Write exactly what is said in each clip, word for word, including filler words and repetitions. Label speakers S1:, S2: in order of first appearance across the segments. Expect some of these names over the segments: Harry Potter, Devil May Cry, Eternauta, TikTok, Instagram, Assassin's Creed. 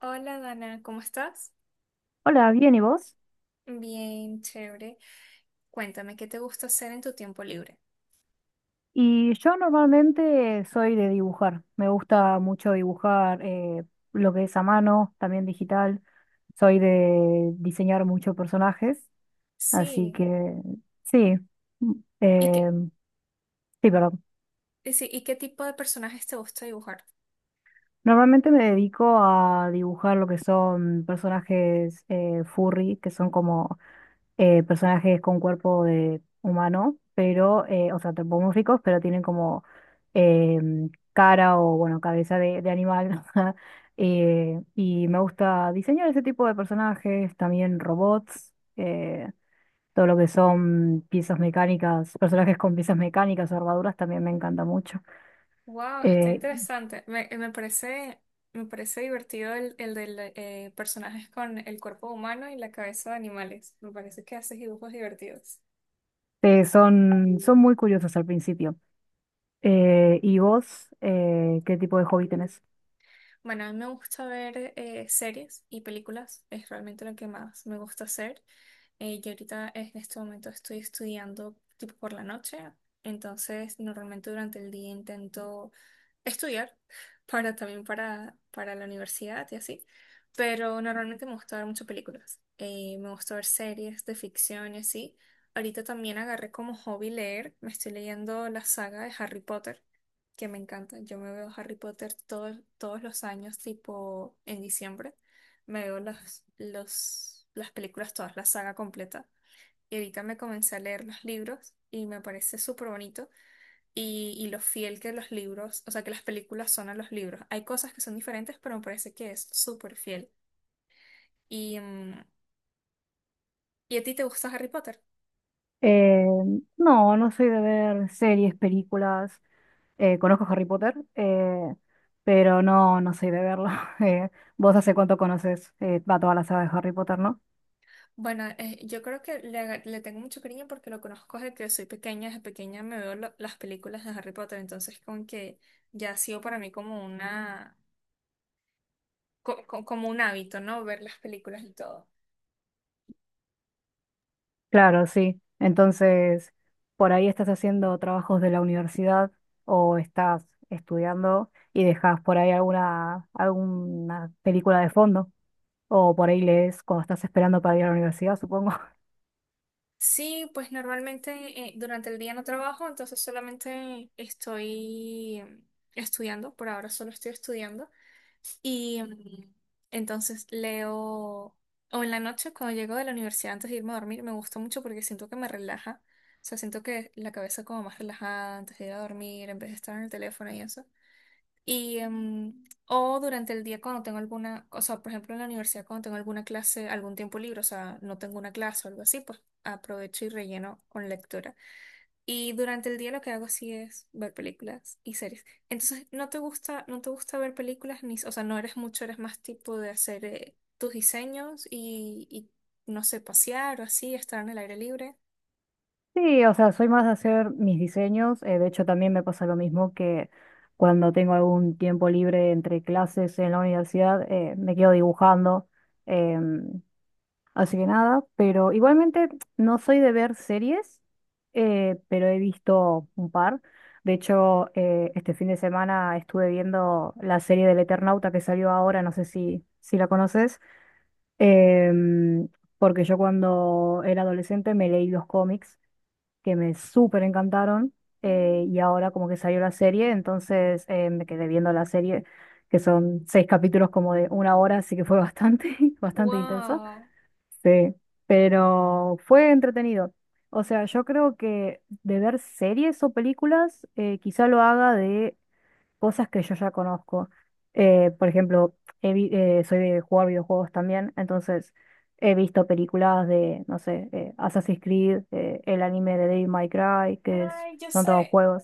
S1: Hola Dana, ¿cómo estás?
S2: Hola, bien, ¿y vos?
S1: Bien, chévere. Cuéntame, ¿qué te gusta hacer en tu tiempo libre?
S2: Y yo normalmente soy de dibujar. Me gusta mucho dibujar eh, lo que es a mano, también digital. Soy de diseñar muchos personajes, así
S1: Sí,
S2: que sí, mm,
S1: ¿y
S2: eh,
S1: qué,
S2: sí, perdón.
S1: y sí, ¿y qué tipo de personajes te gusta dibujar?
S2: Normalmente me dedico a dibujar lo que son personajes eh, furry, que son como eh, personajes con cuerpo de humano, pero, eh, o sea, antropomórficos, pero tienen como em, cara o, bueno, cabeza de, de animal. Eh, y me gusta diseñar ese tipo de personajes, también robots, eh, todo lo que son piezas mecánicas, personajes con piezas mecánicas o armaduras también me encanta mucho.
S1: Wow, está
S2: Eh,
S1: interesante. Me, me parece, me parece divertido el, el de personajes con el cuerpo humano y la cabeza de animales. Me parece que haces dibujos divertidos.
S2: eh, son, son muy curiosos al principio. Eh, ¿y vos, eh, qué tipo de hobby tenés?
S1: Bueno, a mí me gusta ver eh, series y películas. Es realmente lo que más me gusta hacer. Eh, yo ahorita en este momento estoy estudiando tipo por la noche, entonces normalmente durante el día intento estudiar para también para, para la universidad y así, pero normalmente me gusta ver muchas películas. Eh, me gusta ver series de ficción y así. Ahorita también agarré como hobby leer, me estoy leyendo la saga de Harry Potter, que me encanta. Yo me veo Harry Potter todos todos los años tipo en diciembre. Me veo los, los, las películas todas, la saga completa. Y ahorita me comencé a leer los libros y me parece súper bonito. Y, y lo fiel que los libros, o sea, que las películas son a los libros. Hay cosas que son diferentes, pero me parece que es súper fiel. Y, mm, ¿y a ti te gusta Harry Potter?
S2: Eh, no, no soy de ver series, películas. Eh, conozco Harry Potter, eh, pero no, no soy de verlo. Eh, Vos hace cuánto conoces eh, va toda la saga de Harry Potter, ¿no?
S1: Bueno, eh, yo creo que le, aga- le tengo mucho cariño porque lo conozco desde que soy pequeña. Desde pequeña me veo lo- las películas de Harry Potter, entonces como que ya ha sido para mí como una, co- co- como un hábito, ¿no? Ver las películas y todo.
S2: Claro, sí. Entonces, por ahí estás haciendo trabajos de la universidad o estás estudiando y dejas por ahí alguna, alguna película de fondo. O por ahí lees cuando estás esperando para ir a la universidad, supongo.
S1: Sí, pues normalmente eh, durante el día no trabajo, entonces solamente estoy em, estudiando. Por ahora solo estoy estudiando y em, entonces leo o en la noche cuando llego de la universidad antes de irme a dormir me gusta mucho porque siento que me relaja, o sea, siento que la cabeza como más relajada antes de ir a dormir en vez de estar en el teléfono y eso. Y, em, o durante el día cuando tengo alguna, o sea, por ejemplo en la universidad cuando tengo alguna clase, algún tiempo libre, o sea, no tengo una clase o algo así, pues aprovecho y relleno con lectura. Y durante el día lo que hago sí es ver películas y series. Entonces, ¿no te gusta, no te gusta ver películas ni, o sea, no eres mucho, eres más tipo de hacer eh, tus diseños y, y, no sé, pasear o así, estar en el aire libre?
S2: Sí, o sea, soy más de hacer mis diseños. eh, de hecho, también me pasa lo mismo que cuando tengo algún tiempo libre entre clases en la universidad, eh, me quedo dibujando. em, así que nada, pero igualmente no soy de ver series, eh, pero he visto un par. De hecho, eh, este fin de semana estuve viendo la serie del Eternauta que salió ahora, no sé si, si la conoces, em, porque yo cuando era adolescente me leí los cómics que me súper encantaron eh,
S1: Mm.
S2: y ahora como que salió la serie, entonces eh, me quedé viendo la serie, que son seis capítulos como de una hora, así que fue bastante, bastante intenso.
S1: Wow.
S2: Sí, pero fue entretenido. O sea, yo creo que de ver series o películas, eh, quizá lo haga de cosas que yo ya conozco. Eh, por ejemplo, he vi- eh, soy de jugar videojuegos también, entonces he visto películas de, no sé, eh, Assassin's Creed, eh, el anime de Devil May Cry, que es-
S1: Ay, yo
S2: son todos
S1: sé.
S2: juegos.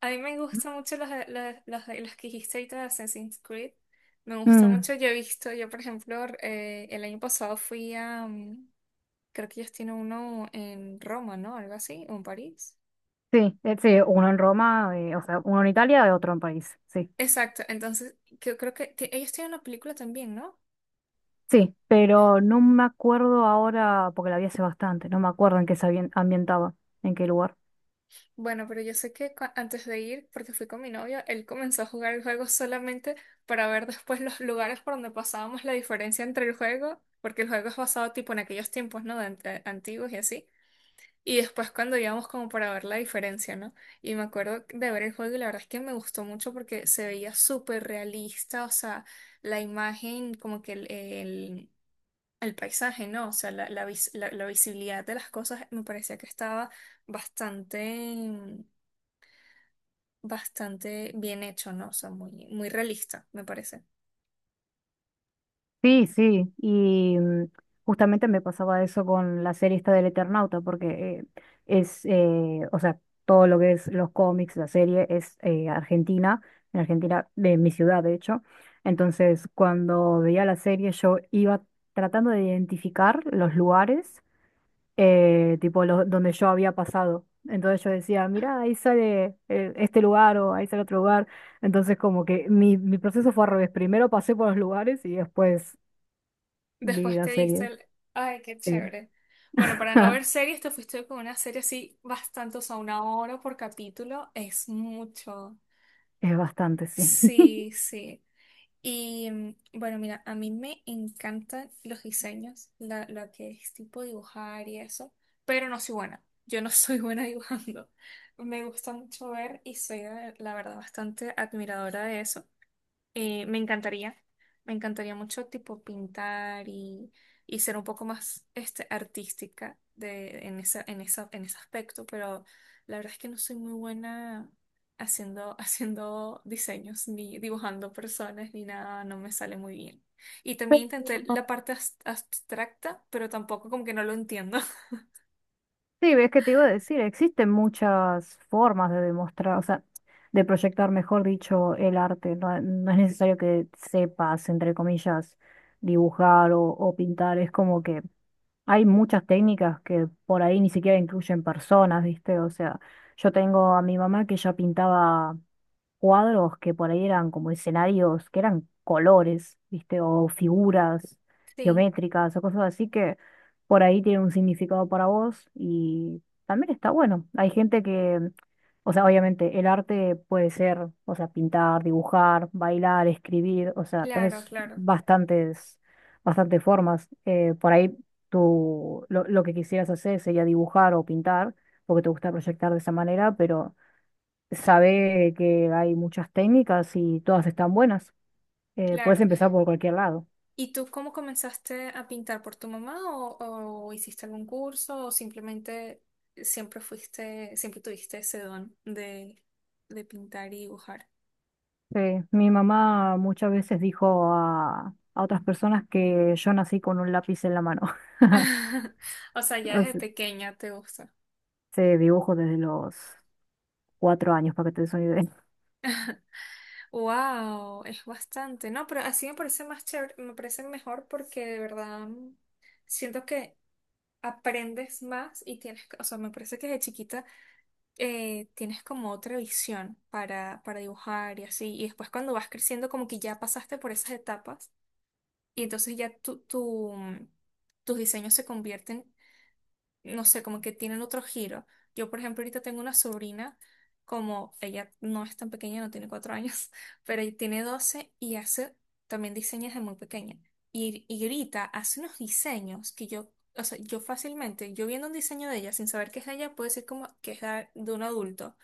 S1: A mí me gustan mucho los, de- los, los- de- los que dijiste ahorita de Assassin's Creed. Me gusta
S2: Mm,
S1: mucho. Yo he visto, yo por ejemplo, eh, el año pasado fui a, mm, creo que ellos tienen uno en Roma, ¿no? Algo así, o en París.
S2: sí, eh, sí, uno en Roma, eh, o sea, uno en Italia y otro en París, sí.
S1: Exacto, entonces yo creo que ti- ellos tienen una película también, ¿no?
S2: Sí, pero no me acuerdo ahora, porque la vi hace bastante, no me acuerdo en qué se ambien- ambientaba, en qué lugar.
S1: Bueno, pero yo sé que cua- antes de ir, porque fui con mi novio, él comenzó a jugar el juego solamente para ver después los lugares por donde pasábamos la diferencia entre el juego, porque el juego es basado tipo en aquellos tiempos, ¿no? De ant- antiguos y así. Y después cuando íbamos como para ver la diferencia, ¿no? Y me acuerdo de ver el juego y la verdad es que me gustó mucho porque se veía súper realista, o sea, la imagen, como que el, el- el paisaje, ¿no? O sea, la, la vis- la- la visibilidad de las cosas me parecía que estaba bastante, bastante bien hecho, ¿no? O sea, muy, muy realista, me parece.
S2: Sí, sí, y mm, justamente me pasaba eso con la serie esta del Eternauta, porque eh, es, eh, o sea, todo lo que es los cómics, la serie es eh, Argentina, en Argentina, de mi ciudad, de hecho. Entonces, cuando veía la serie, yo iba tratando de identificar los lugares, eh, tipo, lo- donde yo había pasado. Entonces yo decía, mira, ahí sale eh, este lugar o ahí sale otro lugar. Entonces, como que mi, mi proceso fue al revés. Primero pasé por los lugares y después
S1: Después
S2: Vida
S1: te dice
S2: serie,
S1: el, ay, qué
S2: sí.
S1: chévere. Bueno, para no ver series, te fuiste con una serie así bastante, o sea, una hora por capítulo, es mucho.
S2: Es bastante, sí.
S1: Sí, sí. Y mm, bueno, mira, a mí me encantan los diseños, la- lo que es tipo dibujar y eso, pero no soy buena. Yo no soy buena dibujando. Me gusta mucho ver y soy, eh, la verdad, bastante admiradora de eso. Eh, me encantaría, me encantaría mucho tipo pintar y, y ser un poco más este, artística de, en esa, en esa, en ese aspecto, pero la verdad es que no soy muy buena haciendo, haciendo diseños, ni dibujando personas, ni nada, no me sale muy bien. Y también
S2: Pero,
S1: intenté la parte abs- abstracta, pero tampoco como que no lo entiendo.
S2: sí, ves que te iba a decir, existen muchas formas de demostrar, o sea, de proyectar, mejor dicho, el arte. No, no es necesario que sepas, entre comillas, dibujar o, o pintar. Es como que hay muchas técnicas que por ahí ni siquiera incluyen personas, ¿viste? O sea, yo tengo a mi mamá que ella pintaba cuadros que por ahí eran como escenarios, que eran colores, ¿viste? O figuras
S1: Sí,
S2: geométricas o cosas así que por ahí tienen un significado para vos y también está bueno. Hay gente que, o sea, obviamente el arte puede ser, o sea, pintar, dibujar, bailar, escribir, o sea,
S1: claro,
S2: tenés
S1: claro,
S2: bastantes, bastantes formas. Eh, por ahí tú lo, lo que quisieras hacer sería dibujar o pintar, porque te gusta proyectar de esa manera, pero sabe que hay muchas técnicas y todas están buenas. Eh, puedes
S1: claro.
S2: empezar por cualquier lado.
S1: ¿Y tú cómo comenzaste a pintar por tu mamá o, o hiciste algún curso o simplemente siempre fuiste, siempre tuviste ese don de, de pintar y dibujar?
S2: Sí, mi mamá muchas veces dijo a, a otras personas que yo nací con un lápiz en la mano.
S1: O sea, ya
S2: O
S1: desde
S2: sea,
S1: pequeña te gusta.
S2: se dibujo desde los cuatro años, para que te des una idea.
S1: Wow, es bastante. No, pero así me parece más chévere, me parece mejor porque de verdad mm, siento que aprendes más y tienes, que- o sea, me parece que desde chiquita eh, tienes como otra visión para, para, dibujar y así. Y después cuando vas creciendo, como que ya pasaste por esas etapas y entonces ya tu, tu, mm, tus diseños se convierten, no sé, como que tienen otro giro. Yo, por ejemplo, ahorita tengo una sobrina, como ella no es tan pequeña, no tiene cuatro años, pero ella tiene doce y hace también diseños de muy pequeña. Y, y ahorita hace unos diseños que yo, o sea, yo fácilmente, yo viendo un diseño de ella sin saber que es de ella, puedo decir como que es de de un adulto.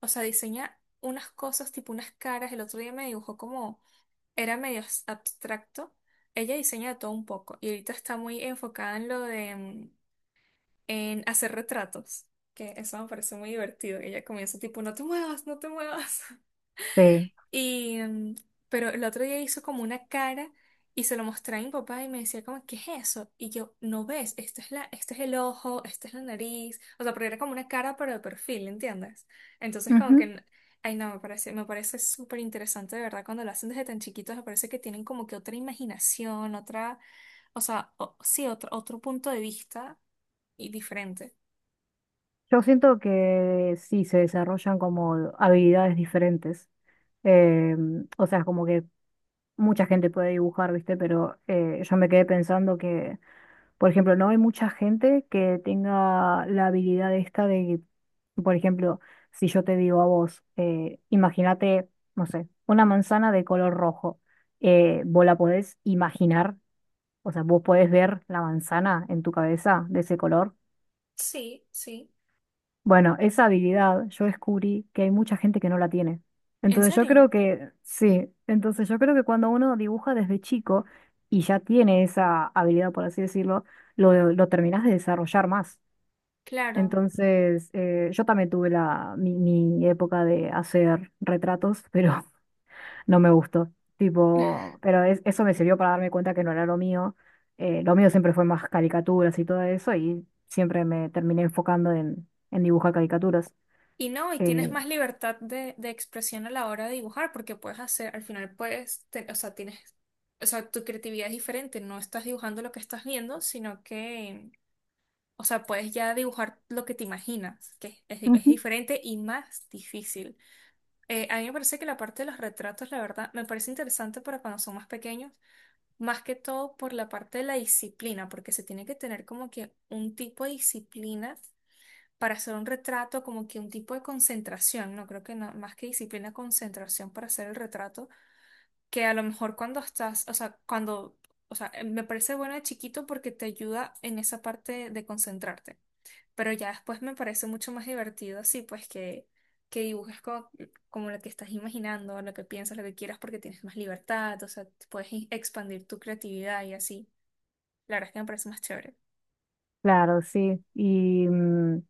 S1: O sea, diseña unas cosas, tipo unas caras. El otro día me dibujó como, era medio abstracto. Ella diseña de todo un poco y ahorita está muy enfocada en lo de mm, en hacer retratos, que eso me parece muy divertido. Ella comienza tipo, no te muevas, no te muevas.
S2: Sí.
S1: Y, mm, pero el otro día hizo como una cara y se lo mostré a mi papá y me decía como, ¿qué es eso? Y yo, no ves, esto es la, este es el ojo, esta es la nariz. O sea, porque era como una cara pero de perfil, ¿entiendes? Entonces como que,
S2: Ujú.
S1: n- ay no, me parece, me parece súper interesante de verdad cuando lo hacen desde tan chiquitos, me parece que tienen como que otra imaginación, otra, o sea, o- sí, otro, otro punto de vista y diferente.
S2: Yo siento que sí, se desarrollan como habilidades diferentes. Eh, o sea, como que mucha gente puede dibujar, ¿viste? Pero eh, yo me quedé pensando que por ejemplo, no hay mucha gente que tenga la habilidad esta de, por ejemplo, si yo te digo a vos, eh, imagínate, no sé, una manzana de color rojo, eh, vos la podés imaginar, o sea, vos podés ver la manzana en tu cabeza de ese color.
S1: Sí, sí.
S2: Bueno, esa habilidad yo descubrí que hay mucha gente que no la tiene.
S1: ¿En
S2: Entonces yo
S1: serio?
S2: creo que, sí, entonces yo creo que cuando uno dibuja desde chico y ya tiene esa habilidad, por así decirlo, lo, lo terminás de desarrollar más.
S1: Claro.
S2: Entonces, eh, yo también tuve la, mi, mi época de hacer retratos, pero no me gustó. Tipo, pero es- eso me sirvió para darme cuenta que no era lo mío. Eh, lo mío siempre fue más caricaturas y todo eso, y siempre me terminé enfocando en, en dibujar caricaturas.
S1: Y no, y tienes
S2: Eh,
S1: más libertad de, de expresión a la hora de dibujar, porque puedes hacer, al final puedes, te- o sea, tienes, o sea, tu creatividad es diferente, no estás dibujando lo que estás viendo, sino que, o sea, puedes ya dibujar lo que te imaginas, que es, di- es
S2: Ujú.
S1: diferente y más difícil. Eh, a mí me parece que la parte de los retratos, la verdad, me parece interesante para cuando son más pequeños, más que todo por la parte de la disciplina, porque se tiene que tener como que un tipo de disciplina para hacer un retrato, como que un tipo de concentración, no creo que no, más que disciplina, concentración para hacer el retrato, que a lo mejor cuando estás, o sea, cuando, o sea, eh, me parece bueno de chiquito porque te ayuda en esa parte de concentrarte, pero ya después me parece mucho más divertido así, pues que, que dibujes co- como, lo que estás imaginando, lo que piensas, lo que quieras, porque tienes más libertad, o sea, puedes i- expandir tu creatividad y así. La verdad es que me parece más chévere.
S2: Claro, sí. Y mm,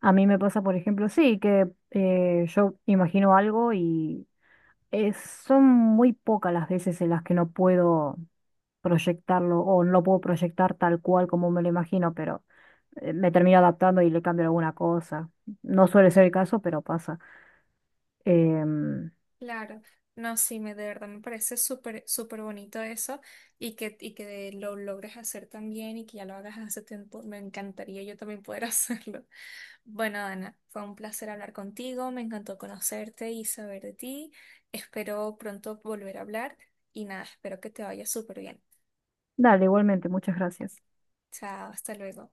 S2: a mí me pasa, por ejemplo, sí, que eh, yo imagino algo y eh, son muy pocas las veces en las que no puedo proyectarlo o no lo puedo proyectar tal cual como me lo imagino, pero eh, me termino adaptando y le cambio alguna cosa. No suele ser el caso, pero pasa. Em,
S1: Claro, no, sí, me, de verdad me parece súper, súper bonito eso y que, y que lo logres hacer también y que ya lo hagas hace tiempo, me encantaría yo también poder hacerlo. Bueno, Ana, fue un placer hablar contigo, me encantó conocerte y saber de ti, espero pronto volver a hablar y nada, espero que te vaya súper bien.
S2: dale, igualmente, muchas gracias.
S1: Chao, hasta luego.